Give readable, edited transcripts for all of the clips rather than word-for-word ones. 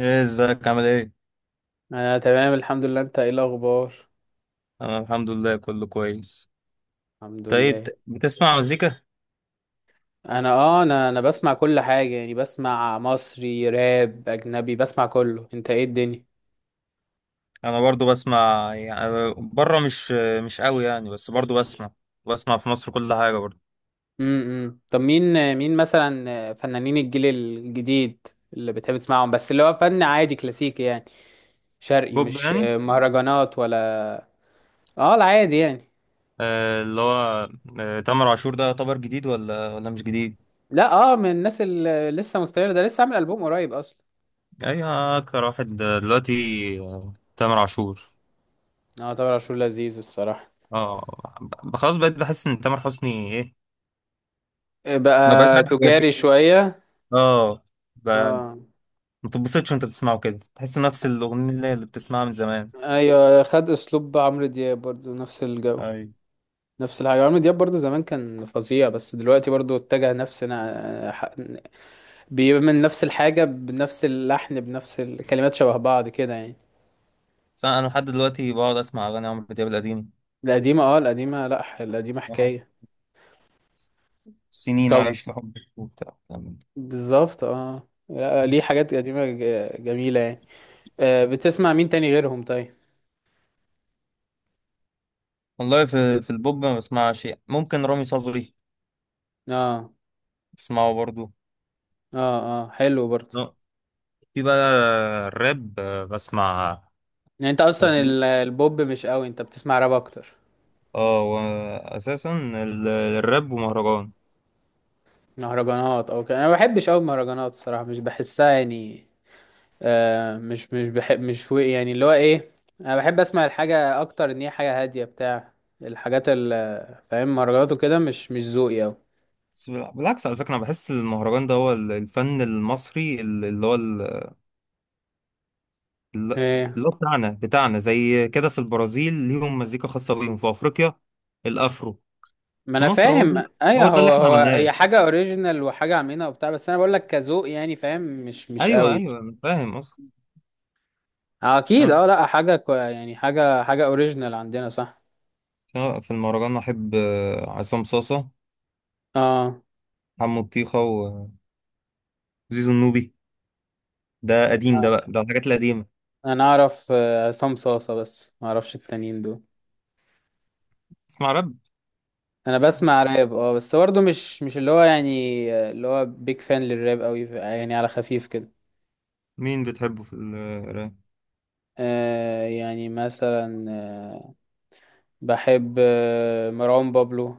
ايه، ازيك؟ عامل ايه؟ انا تمام الحمد لله. انت ايه الاخبار؟ انا الحمد لله، كله كويس. الحمد طيب، لله. بتسمع مزيكا؟ انا اه انا انا بسمع كل حاجه، يعني بسمع مصري، راب، اجنبي، بسمع كله. انت ايه الدنيا؟ انا برضو بسمع يعني بره، مش قوي يعني، بس برضو بسمع. بسمع في مصر كل حاجه برضو. طب مين؟ مين مثلا فنانين الجيل الجديد اللي بتحب تسمعهم؟ بس اللي هو فن عادي كلاسيكي يعني، شرقي، بوب مش يعني. مهرجانات ولا؟ اه العادي يعني. آه، اللي هو. آه، تامر عاشور ده يعتبر جديد، ولا مش جديد؟ لا اه، من الناس اللي لسه مستمر، ده لسه عامل البوم قريب اصلا. ايوه، اكتر واحد دلوقتي. آه، تامر عاشور. اه طبعا عاشور لذيذ الصراحه. اه، خلاص بقيت بحس ان تامر حسني، ايه؟ ما بقاش بقى عارف يواكب. تجاري شويه. اه، ب- اه، ما تتبسطش وانت بتسمعه كده، تحس نفس الاغنيه اللي بتسمعها من زمان. ايوه، خد اسلوب عمرو دياب برضو نفس الجو، أي. نفس الحاجه. عمرو دياب برضو زمان كان فظيع، بس دلوقتي برضو اتجه نفس بيعمل نفس الحاجه، بنفس اللحن، بنفس الكلمات، شبه بعض كده يعني. بس انا لحد دلوقتي بقعد اسمع اغاني عمرو دياب القديم. القديمه، اه القديمه، لا ح- القديمه آه. حكايه. سنين طب عايش لحبك وبتاع كلام من ده. بالظبط اه، لا، ليه حاجات قديمه جميله يعني. آه، بتسمع مين تاني غيرهم طيب؟ والله، في البوب ما بسمعش شيء، ممكن رامي صبري. اه، بسمعه برضو. اه، اه، حلو برضو. لا، في بقى الراب، بسمع يعني انت راب. اصلا البوب مش قوي، انت بتسمع راب اكتر. اه، واساسا الراب ومهرجان. مهرجانات او كده انا ما بحبش قوي، المهرجانات الصراحه مش بحسها يعني. آه، مش بحب، مش و- يعني اللي هو ايه، انا بحب اسمع الحاجه اكتر ان هي حاجه هاديه، بتاع الحاجات اللي، فاهم؟ مهرجانات وكده مش ذوقي قوي. بس بالعكس على فكره، انا بحس المهرجان ده هو الفن المصري، ال- اللي هو ال- ايه، اللي هو بتاعنا بتاعنا، زي كده. في البرازيل ليهم مزيكا خاصه بيهم، في افريقيا الافرو. ما في انا مصر هو ده، فاهم. ايوه، هو ده اللي هو احنا هو هي عملناه. حاجه اوريجينال، وحاجه عاملينها وبتاع، بس انا بقول لك كذوق يعني، فاهم؟ مش ايوه، قوي. ايوه، انا فاهم قصدي. بس اكيد أنا، اه، لا حاجه كو يعني، حاجه حاجه اوريجينال عندنا صح. سواء في المهرجان، احب عصام صاصه، اه، حمو الطيخه، وزيزو النوبي. ده قديم، انا ده بقى ده الحاجات القديمه. أنا اعرف آه، عصام صاصه، بس ما اعرفش التانيين دول. اسمع راب. انا بسمع راب اه، بس برضه مش اللي هو يعني، اللي هو بيج فان للراب قوي يعني، على خفيف كده. مين بتحبه في الراب؟ آه، يعني مثلا آه، بحب آه، مروان بابلو،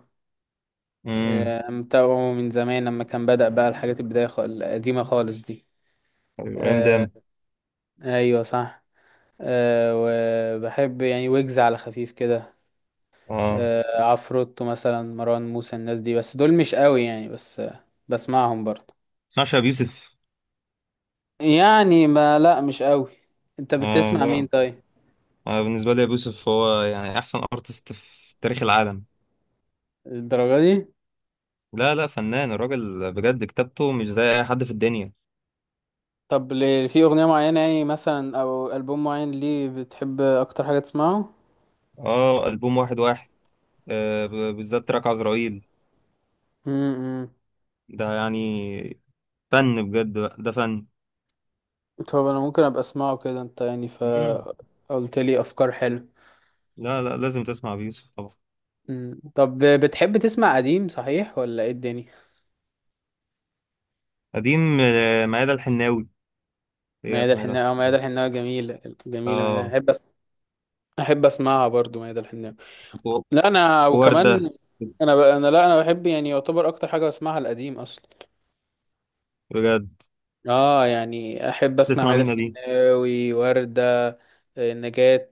امم آه، متابعه من زمان لما كان بدأ بقى، الحاجات البداية القديمة خالص دي. أيوة، ايام آه، داما. ايوه صح. آه، وبحب يعني ويجز على خفيف كده. اه، آه، عفروتو مثلا، مروان موسى، الناس دي، بس دول مش قوي يعني، بس آه بسمعهم برضه. تسمعش ابو يوسف؟ يعني ما لا مش قوي. انت اه، بتسمع مين لا، طيب؟ بالنسبه لي ابو يوسف هو يعني احسن ارتست في تاريخ العالم. الدرجة دي؟ لا، لا، فنان الراجل بجد، كتابته مش زي اي حد في الدنيا. طب في اغنية معينة يعني مثلا او البوم معين ليه بتحب اكتر حاجة تسمعه؟ اه، البوم واحد واحد. بالذات تراك عزرائيل. امم ده يعني فن بجد بقى، ده فن. طب انا ممكن ابقى اسمعه كده، انت يعني ف مم. قلت لي افكار حلوه. لا، لا، لازم تسمع أبي يوسف طبعا. طب بتحب تسمع قديم صحيح ولا ايه الدنيا؟ قديم، ميادة الحناوي. هي ميادة في ميادة الحناوي، اه ميادة الحناوي. الحناوي جميلة، جميلة. ميادة اه، احب اسمعها برضو، ميادة الحناوي. و- لا انا وكمان، وردة انا ب... انا لا انا بحب يعني، يعتبر اكتر حاجة بسمعها القديم اصلا. بجد. اه يعني احب اسمع تسمع ميادة مين دي؟ الحناوي، وردة، آه، نجاة،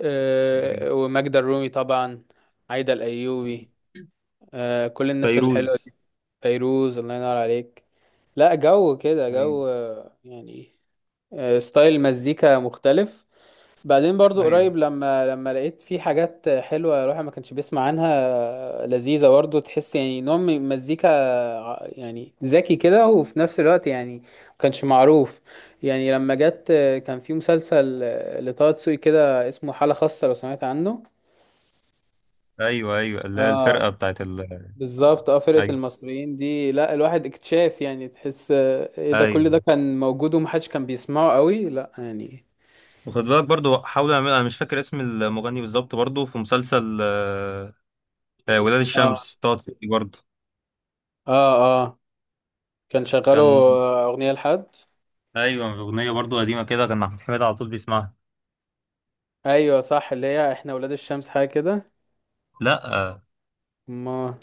آه، وماجدة الرومي طبعا، عايدة الايوبي، آه، كل الناس الحلوه فيروز. دي. فيروز الله ينور عليك، لا جو كده ايوه، جو آه، يعني آه، ستايل مزيكا مختلف. بعدين برضو ايوه، قريب، لما لقيت في حاجات حلوة الواحد ما كانش بيسمع عنها. آه، لذيذة برضو، تحس يعني نوع من مزيكا يعني ذكي كده، وفي نفس الوقت يعني ما كانش معروف. يعني لما جت آه، كان في مسلسل آه، لطه دسوقي كده اسمه حالة خاصة، لو سمعت عنه. ايوه، ايوه، اللي هي الفرقة اه بتاعت ال، بالظبط، آه، اه فرقة ايوه، المصريين دي، لا الواحد اكتشاف يعني، تحس آه، ايه ده، ايوه، كل ده كان موجود ومحدش كان بيسمعه قوي، لا يعني. وخد بالك برضو، حاول اعمل، انا مش فاكر اسم المغني بالظبط برضو، في مسلسل ولاد اه، الشمس طاطي برضو. اه آه. كان شغاله كان. آه، اغنيه لحد، ايوه، اغنيه برضو قديمه كده، كان محمود حميد على طول بيسمعها. ايوه صح، اللي هي احنا ولاد الشمس حاجه كده. لا، آه، ما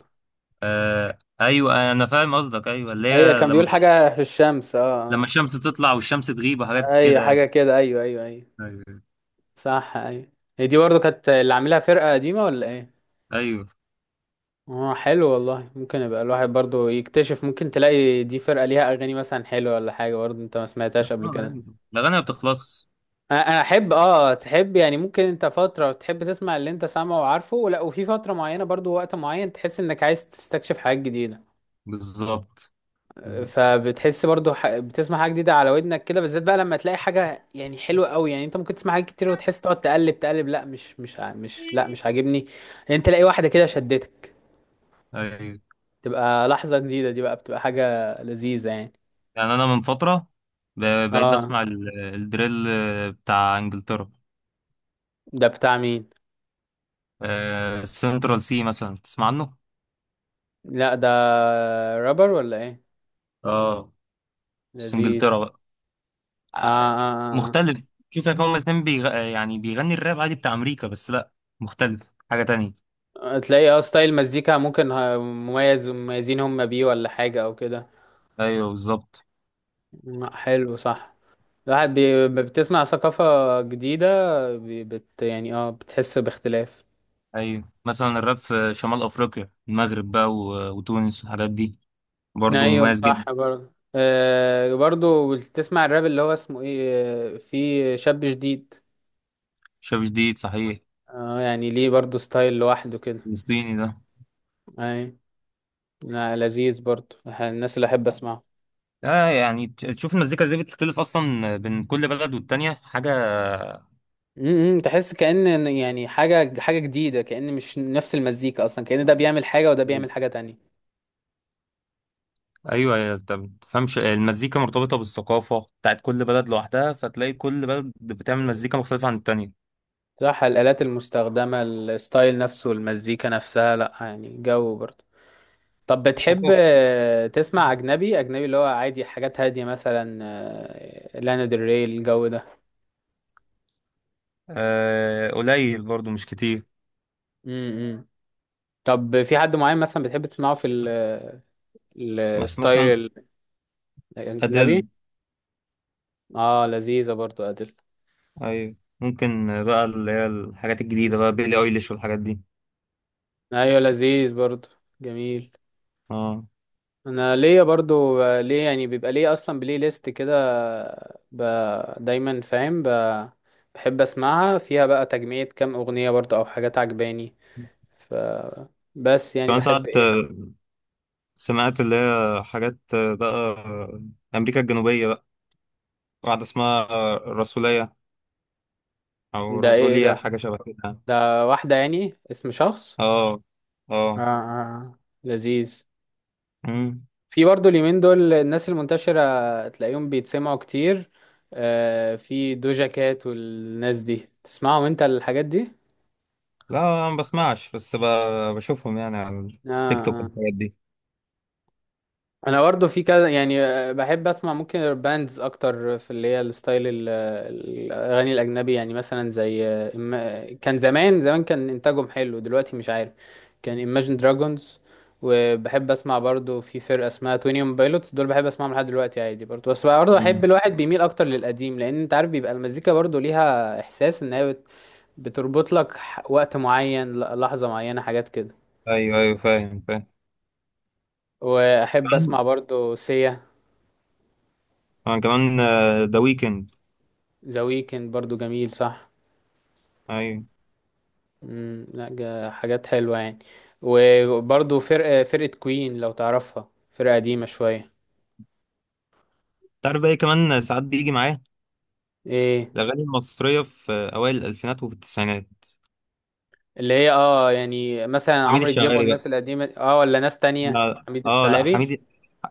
آه، ايوه انا فاهم قصدك، ايوه اللي ايوه، هي كان لما بيقول حاجه في الشمس اه لما آه. الشمس تطلع والشمس تغيب وحاجات ايوه، كده يعني. حاجه كده، ايوه ايوه ايوه، ايوه، صح ايوه. هي دي برضو كانت اللي عاملها فرقه قديمه ولا ايه؟ ايوه، اه حلو والله، ممكن يبقى الواحد برضو يكتشف، ممكن تلاقي دي فرقه ليها اغاني مثلا حلوه ولا حاجه برضو انت ما آه، سمعتهاش قبل كده. أيوة. الاغاني ما بتخلص. أنا احب اه، تحب يعني، ممكن انت فتره تحب تسمع اللي انت سامعه وعارفه، لا وفي فتره معينه برضو، وقت معين تحس انك عايز تستكشف حاجات جديده. بالظبط، بالظبط. فبتحس برضو بتسمع حاجه جديده على ودنك كده، بالذات بقى لما تلاقي حاجه يعني حلوه قوي. يعني انت ممكن تسمع حاجات كتير وتحس، تقعد تقلب لا مش مش ع- مش لا مش عاجبني، انت تلاقي واحده كده شدتك، ايوه، تبقى لحظه جديده دي بقى، بتبقى حاجه لذيذه يعني. يعني انا من فتره بقيت اه بسمع الدريل بتاع انجلترا. ده بتاع مين؟ سنترال سي مثلا، تسمع عنه؟ لا ده رابر ولا ايه؟ اه، بس انجلترا لذيذ. بقى، اه، آه، اه، مختلف. شوف، يا هما الاتنين يعني بيغني الراب عادي بتاع امريكا، بس لا، مختلف، حاجه تانية. اه آه. تلاقي اه، ستايل مزيكا ممكن مميز، مميزين هم بيه ولا حاجه او كده. ايوه، بالظبط. لا، حلو صح. الواحد بتسمع ثقافة جديدة، يعني اه بتحس باختلاف. ايوه، مثلا الراب في شمال افريقيا، المغرب بقى وتونس والحاجات دي، برضه ايوه مميز صح جدا. برضه، آه برضه بتسمع الراب اللي هو اسمه ايه آه، في شاب جديد. شاب جديد، صحيح. اه يعني ليه برضه ستايل لوحده كده. فلسطيني ده. اي، لا، لذيذ برضه، الناس اللي احب اسمعه. اه، يعني تشوف المزيكا ازاي بتختلف اصلا بين كل بلد والتانية، حاجة. امم، تحس كأن يعني حاجة جديدة، كأن مش نفس المزيكا اصلا، كأن ده بيعمل حاجة وده ايوه، بيعمل حاجة تانية. ايوه، انت ما تفهمش المزيكا مرتبطة بالثقافة بتاعت كل بلد لوحدها، فتلاقي كل بلد بتعمل مزيكا مختلفة عن التانية. صح، الآلات المستخدمة، الستايل نفسه، المزيكا نفسها، لا يعني جو برضه. طب بتحب ثقافة. آه، تسمع اجنبي؟ اجنبي اللي هو عادي، حاجات هاديه مثلا آه، لانا ديل ري الجو ده. آه، قليل برضو مش كتير. امم، طب في حد معين مثلا بتحب تسمعه في مثلا الستايل الاجنبي؟ أديل. اه لذيذه برضو ادل. أيوة، ممكن بقى اللي هي الحاجات الجديدة بقى، بيلي أيليش والحاجات دي. ايوه لذيذ برضو، جميل. اه، انا ليا برضو آه، ليه يعني، بيبقى ليه اصلا بلاي ليست كده، ب... دايما فاهم، بحب اسمعها، فيها بقى تجميع كام اغنيه برضو او حاجات عجباني ف، بس يعني كمان بحب ساعات ايه. سمعت اللي هي حاجات بقى، أمريكا الجنوبية بقى، واحدة اسمها الرسولية، أو ده ايه؟ ايه رسولية، ده؟ حاجة شبه كده يعني. ده واحدة يعني اسم شخص؟ اه، آه اه. آه. لذيذ. مم. في برضو اليومين دول الناس المنتشرة تلاقيهم بيتسمعوا كتير، آه في دوجا كات والناس دي، تسمعهم انت الحاجات دي؟ لا، أنا ما بسمعش، بس بشوفهم يعني على التيك توك آه، والحاجات دي. انا برضه في كذا يعني آه، بحب اسمع ممكن باندز اكتر، في اللي هي الستايل الاغاني الاجنبي يعني، مثلا زي آه، كان زمان كان انتاجهم حلو، دلوقتي مش عارف، كان Imagine Dragons. وبحب اسمع برضه في فرقه اسمها 21 بايلوتس، دول بحب اسمعهم لحد دلوقتي عادي برضه، بس برضه بحب مم. الواحد بيميل اكتر للقديم، لان انت عارف بيبقى المزيكا برضه ليها احساس ان هي بتربط لك وقت معين، لحظه معينه، حاجات كده. أيوه، أيوه، فاهم، فاهم. واحب اسمع برضه سيا. أنا كمان. ذا ويكند. ذا ويكند برضو جميل صح. أيوه. لا حاجات حلوة يعني. وبرضو فرقة كوين لو تعرفها، فرقة قديمة شوية. تعرف بقى إيه؟ كمان ساعات بيجي معاه ايه؟ الأغاني المصرية في أوائل الألفينات وفي التسعينات. اللي هي اه يعني مثلا حميد عمرو دياب الشاعري. والناس القديمة اه، ولا ناس تانية؟ لا، حميد اه، لا، الشاعري، حميد.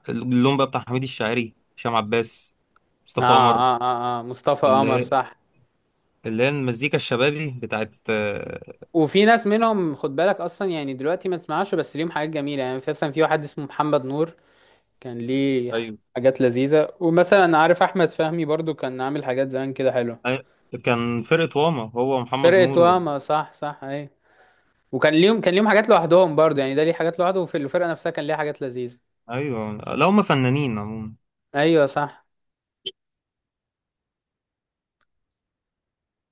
اللون بقى بتاع حميد الشاعري، هشام عباس، اه مصطفى قمر. اه اه، آه. مصطفى قمر اللي صح. اللي هي المزيكا الشبابي بتاعت، وفي ناس منهم خد بالك اصلا، يعني دلوقتي ما تسمعش، بس ليهم حاجات جميلة يعني، مثلا في واحد اسمه محمد نور، كان ليه ايوه، حاجات لذيذة. ومثلا عارف احمد فهمي برضو، كان عامل حاجات زمان كده حلوة. أي- كان فرقة واما هو محمد فرقة نور واما، صح صح ايوه. وكان ليهم، كان ليهم حاجات لوحدهم برضه يعني، ده ليه حاجات لوحده، وفي الفرقة نفسها كان ليها حاجات لذيذة. ايوه، لا، هم فنانين عموما. ايوه صح.